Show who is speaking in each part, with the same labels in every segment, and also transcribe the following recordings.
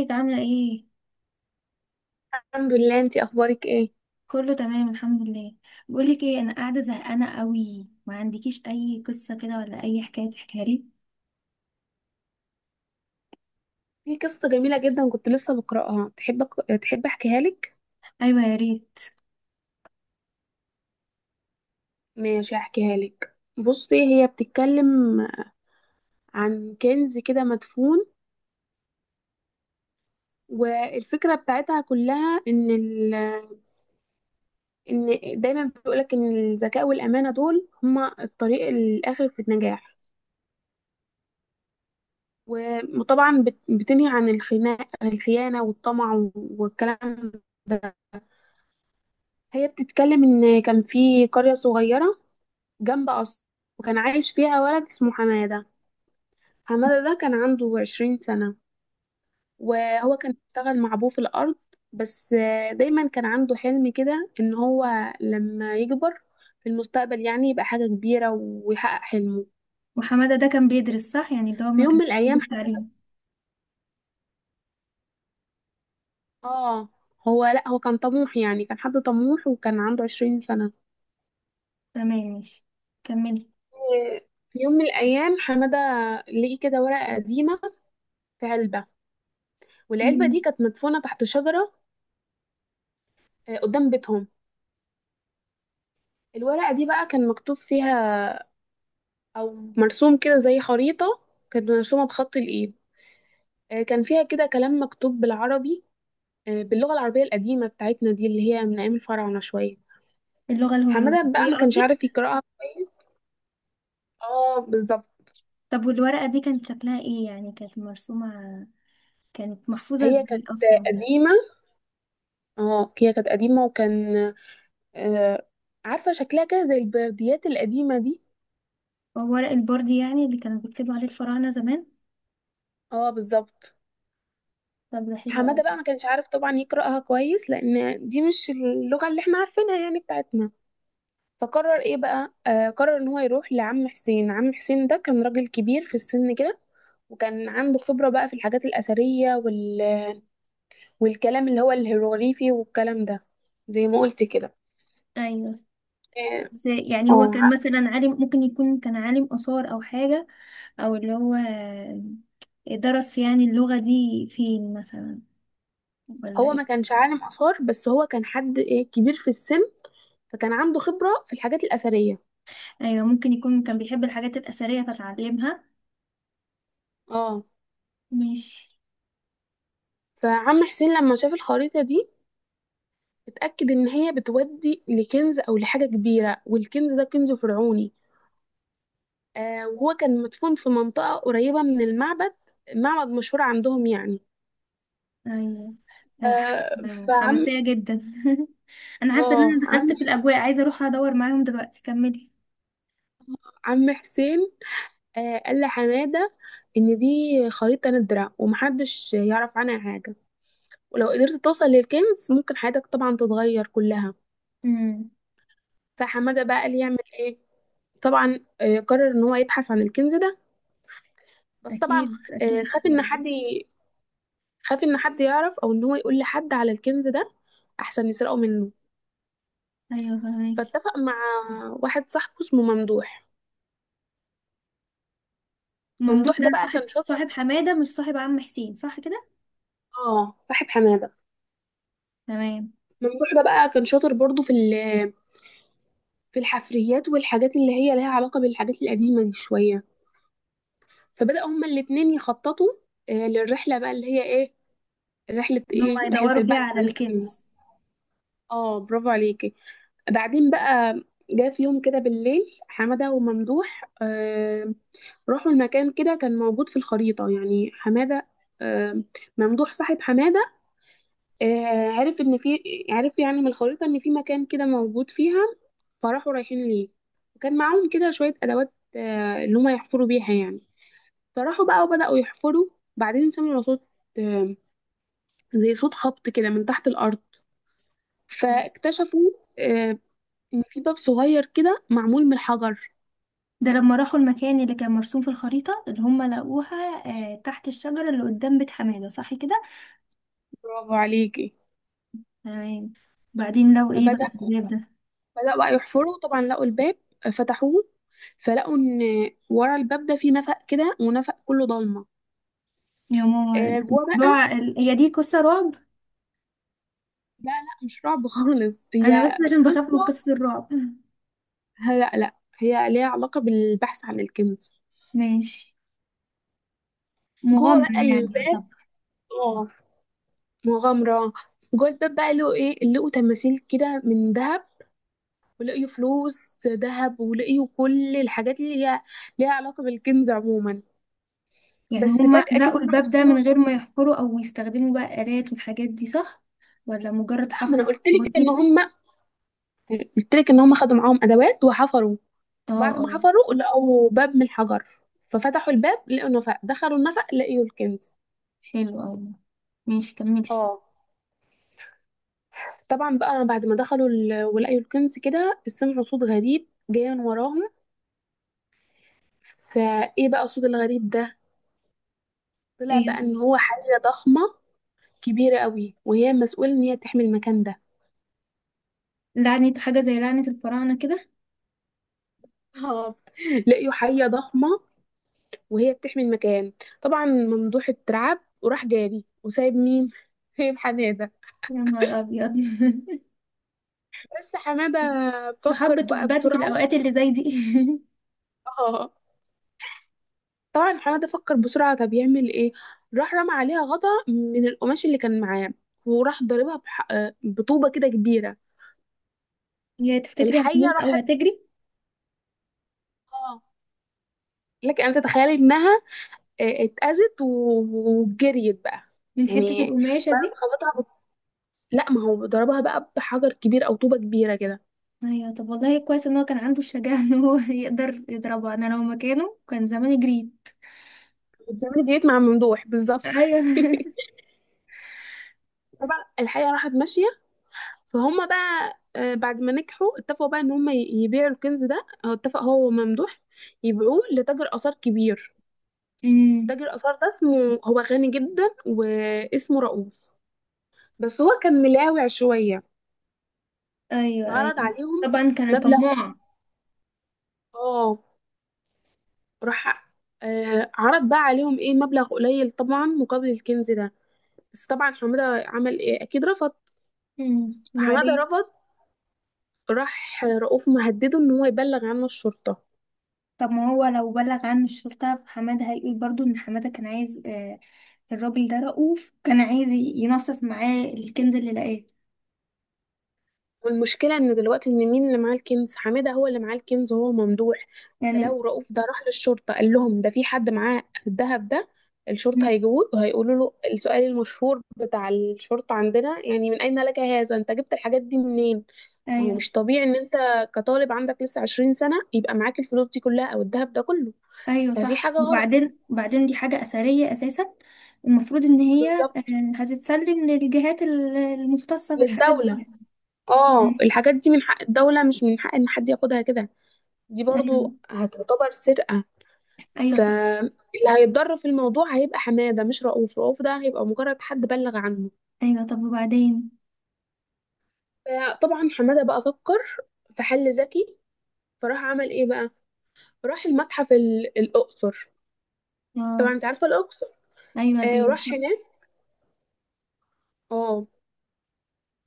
Speaker 1: ازيك؟ عاملة ايه؟
Speaker 2: الحمد لله. انتي اخبارك ايه؟
Speaker 1: كله تمام الحمد لله. بقولك ايه، انا قاعدة زهقانة قوي، ما عندكيش اي قصة كده ولا اي حكاية تحكيها لي؟
Speaker 2: في قصه جميله جدا كنت لسه بقراها، تحب تحب احكيها لك؟
Speaker 1: ايوه يا ريت.
Speaker 2: ماشي، احكيها لك. بصي، هي بتتكلم عن كنز كده مدفون، والفكره بتاعتها كلها ان ان دايما بيقولك ان الذكاء والامانه دول هما الطريق الاخر في النجاح. وطبعا بتنهي عن الخناق، الخيانه والطمع والكلام ده. هي بتتكلم ان كان في قرية صغيرة جنب قصر، وكان عايش فيها ولد اسمه حمادة. حمادة ده كان عنده عشرين سنة، وهو كان بيشتغل مع أبوه في الأرض. بس دايما كان عنده حلم كده إن هو لما يكبر في المستقبل يعني يبقى حاجة كبيرة ويحقق حلمه.
Speaker 1: وحمادة ده كان بيدرس صح؟ يعني ده
Speaker 2: في
Speaker 1: ما
Speaker 2: يوم
Speaker 1: كانش
Speaker 2: من
Speaker 1: سايب
Speaker 2: الأيام حد
Speaker 1: التعليم.
Speaker 2: آه هو، لأ، هو كان طموح يعني، كان حد طموح وكان عنده عشرين سنة.
Speaker 1: تمام، ماشي، كملي.
Speaker 2: في يوم من الأيام حمادة لقي كده ورقة قديمة في علبة، والعلبة
Speaker 1: مم.
Speaker 2: دي كانت مدفونة تحت شجرة قدام بيتهم. الورقة دي بقى كان مكتوب فيها أو مرسوم كده زي خريطة، كانت مرسومة بخط الإيد. كان فيها كده كلام مكتوب بالعربي، باللغة العربية القديمة بتاعتنا دي اللي هي من أيام الفراعنة شوية.
Speaker 1: اللغة
Speaker 2: حمادة بقى
Speaker 1: الهروبية
Speaker 2: ما كانش
Speaker 1: قصدي.
Speaker 2: عارف يقرأها كويس. اه، بالظبط.
Speaker 1: طب والورقة دي كانت شكلها ايه؟ يعني كانت مرسومة؟ كانت محفوظة
Speaker 2: هي
Speaker 1: ازاي
Speaker 2: كانت
Speaker 1: اصلا؟
Speaker 2: قديمة، اه هي كانت قديمة، وكان آه، عارفة شكلها كده زي البرديات القديمة دي.
Speaker 1: هو ورق البوردي يعني اللي كانوا بيكتبوا عليه الفراعنة زمان؟
Speaker 2: اه بالظبط.
Speaker 1: طب ده حلو
Speaker 2: حمادة بقى
Speaker 1: قوي.
Speaker 2: ما كانش عارف طبعا يقرأها كويس، لأن دي مش اللغة اللي احنا عارفينها يعني بتاعتنا. فقرر ايه بقى، قرر ان هو يروح لعم حسين. عم حسين ده كان راجل كبير في السن كده، وكان عنده خبرة بقى في الحاجات الأثرية والكلام اللي هو الهيروغليفي والكلام ده، زي ما قلت كده.
Speaker 1: ايوه.
Speaker 2: إيه،
Speaker 1: بس يعني هو
Speaker 2: اه،
Speaker 1: كان مثلا عالم؟ ممكن يكون كان عالم آثار أو حاجة؟ أو اللي هو درس يعني اللغة دي فين مثلا؟ ولا
Speaker 2: هو
Speaker 1: إيه؟
Speaker 2: ما كانش عالم آثار، بس هو كان حد ايه، كبير في السن، فكان عنده خبرة في الحاجات الأثرية.
Speaker 1: أيوة، ممكن يكون كان بيحب الحاجات الأثرية فتعلمها.
Speaker 2: اه.
Speaker 1: ماشي.
Speaker 2: فعم حسين لما شاف الخريطة دي اتأكد إن هي بتودي لكنز أو لحاجة كبيرة، والكنز ده كنز فرعوني. وهو كان مدفون في منطقة قريبة من المعبد، معبد مشهور عندهم يعني.
Speaker 1: أيوة. حاجة
Speaker 2: آه، فعم
Speaker 1: حماسية جدا. أنا حاسة إن أنا
Speaker 2: اه عم
Speaker 1: دخلت في الأجواء، عايزة أروح أدور معاهم دلوقتي. كملي.
Speaker 2: عم حسين قال لحمادة إن دي خريطة ندرة ومحدش يعرف عنها حاجة، ولو قدرت توصل للكنز ممكن حياتك طبعا تتغير كلها.
Speaker 1: امم.
Speaker 2: فحمادة بقى قال يعمل ايه؟ طبعا قرر إن هو يبحث عن الكنز ده. بس طبعا
Speaker 1: أكيد أكيد.
Speaker 2: خاف خاف إن حد يعرف أو إن هو يقول لحد على الكنز ده، أحسن يسرقه منه.
Speaker 1: أيوة فهماكي.
Speaker 2: فاتفق مع واحد صاحبه اسمه ممدوح.
Speaker 1: ممدوح
Speaker 2: ممدوح
Speaker 1: ده
Speaker 2: ده بقى كان
Speaker 1: صاحب
Speaker 2: شاطر.
Speaker 1: صاحب حمادة، مش صاحب عم حسين صح كده؟
Speaker 2: اه، صاحب حماده.
Speaker 1: تمام.
Speaker 2: ممدوح ده بقى كان شاطر برضو في الحفريات والحاجات اللي هي لها علاقه بالحاجات القديمه دي شويه. فبدأ هما الاتنين يخططوا، للرحله بقى اللي هي ايه، رحله
Speaker 1: ان هم
Speaker 2: ايه، رحله
Speaker 1: يدوروا فيها
Speaker 2: البحث
Speaker 1: على
Speaker 2: عن السفينه.
Speaker 1: الكنز.
Speaker 2: اه، برافو عليكي. بعدين بقى جه في يوم كده بالليل حماده وممدوح. راحوا المكان كده، كان موجود في الخريطه، يعني حماده آه ممدوح صاحب حماده عرف ان في، عرف يعني من الخريطة ان في مكان كده موجود فيها. فراحوا رايحين ليه، وكان معاهم كده شوية ادوات اللي هما يحفروا بيها يعني. فراحوا بقى وبدأوا يحفروا. بعدين سمعوا صوت، آه، زي صوت خبط كده من تحت الارض. فاكتشفوا آه، ان في باب صغير كده معمول من الحجر.
Speaker 1: ده لما راحوا المكان اللي كان مرسوم في الخريطة اللي هم لقوها؟ آه، تحت الشجرة اللي قدام بيت حمادة صح كده؟
Speaker 2: برافو عليكي.
Speaker 1: تمام. بعدين لو ايه بقى
Speaker 2: فبدأ
Speaker 1: في الباب ده؟
Speaker 2: بدأوا بقى يحفروا، طبعا لقوا الباب، فتحوه، فلقوا ان ورا الباب ده في نفق كده، ونفق كله ضلمه.
Speaker 1: يا ماما.
Speaker 2: جوه بقى.
Speaker 1: هي دي قصة رعب؟
Speaker 2: لا لا، مش رعب خالص،
Speaker 1: انا بس
Speaker 2: هي
Speaker 1: عشان بخاف من
Speaker 2: قصة.
Speaker 1: قصة الرعب.
Speaker 2: لا لا، هي ليها علاقة بالبحث عن الكنز.
Speaker 1: ماشي،
Speaker 2: جوه
Speaker 1: مغامرة
Speaker 2: بقى
Speaker 1: يعني.
Speaker 2: الباب،
Speaker 1: طب
Speaker 2: اه، مغامرة. جوه الباب بقى لقوا ايه، لقوا تماثيل كده من ذهب، ولقيوا فلوس ذهب، ولقيوا كل الحاجات اللي هي ليها علاقة بالكنز عموما.
Speaker 1: يعني
Speaker 2: بس
Speaker 1: هما
Speaker 2: فجأة كده
Speaker 1: لقوا الباب ده من غير ما يحفروا او يستخدموا بقى آلات والحاجات دي صح؟ ولا مجرد
Speaker 2: لا، ما
Speaker 1: حفر
Speaker 2: انا قلت لك
Speaker 1: بسيط؟
Speaker 2: ان هم، قلت لك ان هم خدوا معاهم ادوات وحفروا.
Speaker 1: اه.
Speaker 2: بعد ما
Speaker 1: اه
Speaker 2: حفروا لقوا باب من الحجر، ففتحوا الباب، لقوا نفق، دخلوا النفق، لقيوا الكنز.
Speaker 1: حلو اوي. ماشي كملي.
Speaker 2: اه. طبعا بقى بعد ما ولقيوا الكنز كده سمعوا صوت غريب جاي من وراهم. فايه بقى الصوت الغريب ده؟ طلع
Speaker 1: ايه؟
Speaker 2: بقى ان هو حية ضخمة كبيرة قوي، وهي مسؤولة ان هي تحمي المكان ده.
Speaker 1: لعنة، حاجة زي لعنة الفراعنة كده؟
Speaker 2: اه، لقيوا حية ضخمة وهي بتحمي المكان. طبعا ممدوح اترعب وراح جاري وسايب مين سايب حمادة.
Speaker 1: يا نهار أبيض.
Speaker 2: بس حمادة فكر
Speaker 1: محبة
Speaker 2: بقى
Speaker 1: بتبان في
Speaker 2: بسرعة.
Speaker 1: الأوقات اللي زي دي.
Speaker 2: اه، طبعا حماد فكر بسرعة، طب يعمل ايه؟ راح رمى عليها غطا من القماش اللي كان معاه، وراح ضاربها بح... آه، بطوبة كده كبيرة.
Speaker 1: يا تفتكري
Speaker 2: الحية
Speaker 1: هتموت أو
Speaker 2: راحت.
Speaker 1: هتجري
Speaker 2: اه، لك ان تتخيلي انها وجريت بقى.
Speaker 1: من حتة
Speaker 2: يعني
Speaker 1: القماشة دي؟
Speaker 2: خبطها لا، ما هو ضربها بقى بحجر كبير او طوبة كبيرة كده.
Speaker 1: أيوة. طب والله كويس إن هو كان عنده الشجاعة إن هو يقدر يضربه. أنا لو مكانه كان زمان جريت.
Speaker 2: بتعملي، جريت مع ممدوح بالظبط.
Speaker 1: أيوة.
Speaker 2: طبعا الحية راحت ماشية. فهم بقى بعد ما نجحوا اتفقوا بقى ان يبيعوا الكنز ده، هو اتفق هو وممدوح يبيعوه لتاجر آثار كبير.
Speaker 1: أمم.
Speaker 2: تاجر آثار ده اسمه، هو غني جدا واسمه رؤوف، بس هو كان ملاوع شوية.
Speaker 1: أيوه
Speaker 2: فعرض
Speaker 1: أيوه.
Speaker 2: عليهم
Speaker 1: طبعا كان
Speaker 2: مبلغ،
Speaker 1: طماع.
Speaker 2: اه، راح عرض بقى عليهم ايه، مبلغ قليل طبعا مقابل الكنز ده. بس طبعا حمادة عمل ايه، اكيد رفض.
Speaker 1: أمم،
Speaker 2: فحمادة
Speaker 1: وبعدين؟
Speaker 2: رفض. راح رؤوف مهدده ان هو يبلغ عنه الشرطة.
Speaker 1: طب ما هو لو بلغ عن الشرطة فحمادة هيقول برضو ان حمادة كان عايز الراجل ده رؤوف كان عايز ينصص معاه الكنز اللي لقاه
Speaker 2: والمشكلة ان دلوقتي ان مين اللي معاه الكنز؟ حمادة هو اللي معاه الكنز وهو ممدوح.
Speaker 1: يعني.
Speaker 2: فلو رؤوف ده راح للشرطة قال لهم ده في حد معاه الذهب ده، الشرطة
Speaker 1: م-
Speaker 2: هيجوه وهيقولوا له السؤال المشهور بتاع الشرطة عندنا، يعني من أين لك هذا، انت جبت الحاجات دي منين؟ ما هو
Speaker 1: ايوه،
Speaker 2: مش طبيعي ان انت كطالب عندك لسه 20 سنة يبقى معاك الفلوس دي كلها او الذهب ده كله.
Speaker 1: ايوه
Speaker 2: ففي
Speaker 1: صح.
Speaker 2: حاجة غلط.
Speaker 1: وبعدين؟ وبعدين دي حاجة أثرية أساسا، المفروض ان هي
Speaker 2: بالظبط،
Speaker 1: هتتسلم للجهات المختصة بالحاجات
Speaker 2: للدولة.
Speaker 1: دي. م.
Speaker 2: اه، الحاجات دي من حق الدولة، مش من حق ان حد ياخدها كده. دي برضو
Speaker 1: ايوه،
Speaker 2: هتعتبر سرقة.
Speaker 1: ايوه فاهم.
Speaker 2: فاللي هيتضرر في الموضوع هيبقى حماده، مش رؤوف. رؤوف ده هيبقى مجرد حد بلغ عنه.
Speaker 1: ايوه طب وبعدين؟
Speaker 2: فطبعا حماده بقى فكر في حل ذكي. فراح عمل ايه بقى، راح المتحف، الاقصر. طبعا
Speaker 1: اه.
Speaker 2: انت عارفه الاقصر.
Speaker 1: ايوه دي
Speaker 2: راح
Speaker 1: صح.
Speaker 2: هناك. اه،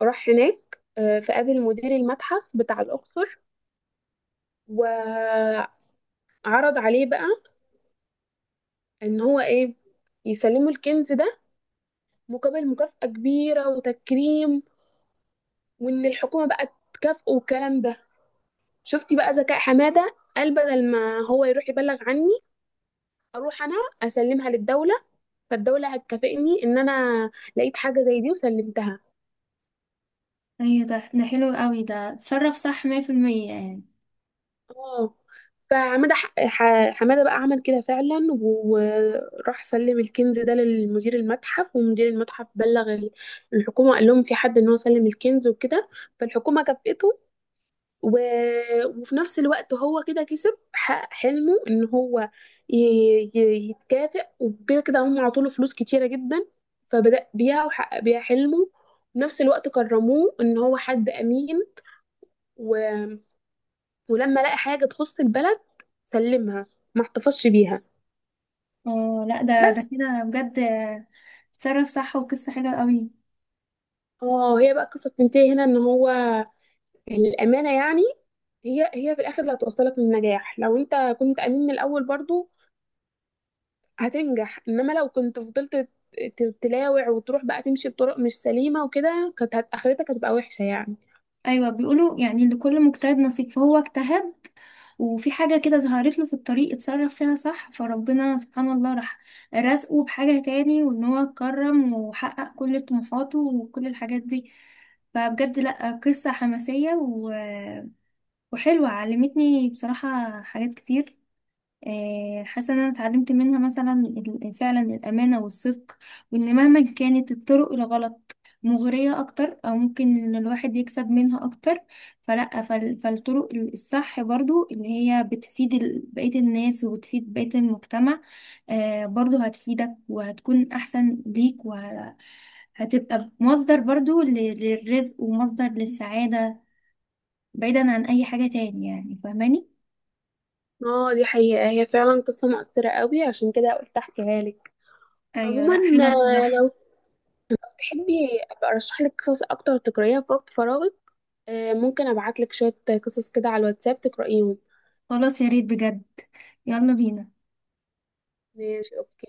Speaker 2: راح هناك، فقابل مدير المتحف بتاع الاقصر، وعرض عليه بقى ان هو ايه، يسلمه الكنز ده مقابل مكافأة كبيرة وتكريم، وان الحكومة بقى تكافئه والكلام ده. شفتي بقى ذكاء حمادة؟ قال بدل ما هو يروح يبلغ عني، اروح انا اسلمها للدولة، فالدولة هتكافئني ان انا لقيت حاجة زي دي وسلمتها.
Speaker 1: ايوه ده حلو قوي، ده اتصرف صح 100% يعني.
Speaker 2: اه، حمادة بقى عمل كده فعلا، وراح سلم الكنز ده لمدير المتحف، ومدير المتحف بلغ الحكومة، قال لهم في حد ان هو سلم الكنز وكده. فالحكومة كافئته، و... وفي نفس الوقت هو كده كسب، حقق حلمه ان هو ي... يتكافئ، وكده كده هم عطوله فلوس كتيرة جدا، فبدأ بيها وحقق بيها حلمه. وفي نفس الوقت كرموه ان هو حد امين، و... ولما لقى حاجة تخص البلد سلمها، ما احتفظش بيها.
Speaker 1: اه لا، ده
Speaker 2: بس
Speaker 1: كده بجد اتصرف صح، وقصة حلوة قوي.
Speaker 2: اه، هي بقى القصة بتنتهي هنا، ان هو الأمانة يعني، هي هي في الآخر اللي هتوصلك للنجاح. لو انت كنت أمين من الأول برضو هتنجح، انما لو كنت فضلت تلاوع وتروح بقى تمشي بطرق مش سليمة وكده، كانت اخرتك هتبقى وحشة يعني.
Speaker 1: ايوه بيقولوا يعني لكل مجتهد نصيب، فهو اجتهد، وفي حاجة كده ظهرت له في الطريق اتصرف فيها صح، فربنا سبحان الله راح رزقه بحاجة تاني، وان هو اتكرم وحقق كل طموحاته وكل الحاجات دي. فبجد لا قصة حماسية وحلوة، علمتني بصراحة حاجات كتير. آه، حاسه ان انا اتعلمت منها مثلا فعلا الامانه والصدق، وان مهما كانت الطرق الغلط مغريه اكتر او ممكن ان الواحد يكسب منها اكتر، فلا، فالطرق الصح برضو اللي هي بتفيد بقيه الناس وبتفيد بقيه المجتمع، آه، برضو هتفيدك وهتكون احسن ليك وهتبقى مصدر برضو للرزق ومصدر للسعاده، بعيدا عن اي حاجه تاني يعني، فاهماني؟
Speaker 2: اه دي حقيقة، هي فعلا قصة مؤثرة قوي، عشان كده قلت احكيها لك.
Speaker 1: ايوه لا
Speaker 2: عموما
Speaker 1: حلوه بصراحه.
Speaker 2: لو تحبي ابقى ارشح لك قصص اكتر تقرأيها في وقت فراغك، ممكن ابعت لك شوية قصص كده على الواتساب تقرأيهم.
Speaker 1: خلاص يا ريت بجد. يلا بينا.
Speaker 2: ماشي، اوكي.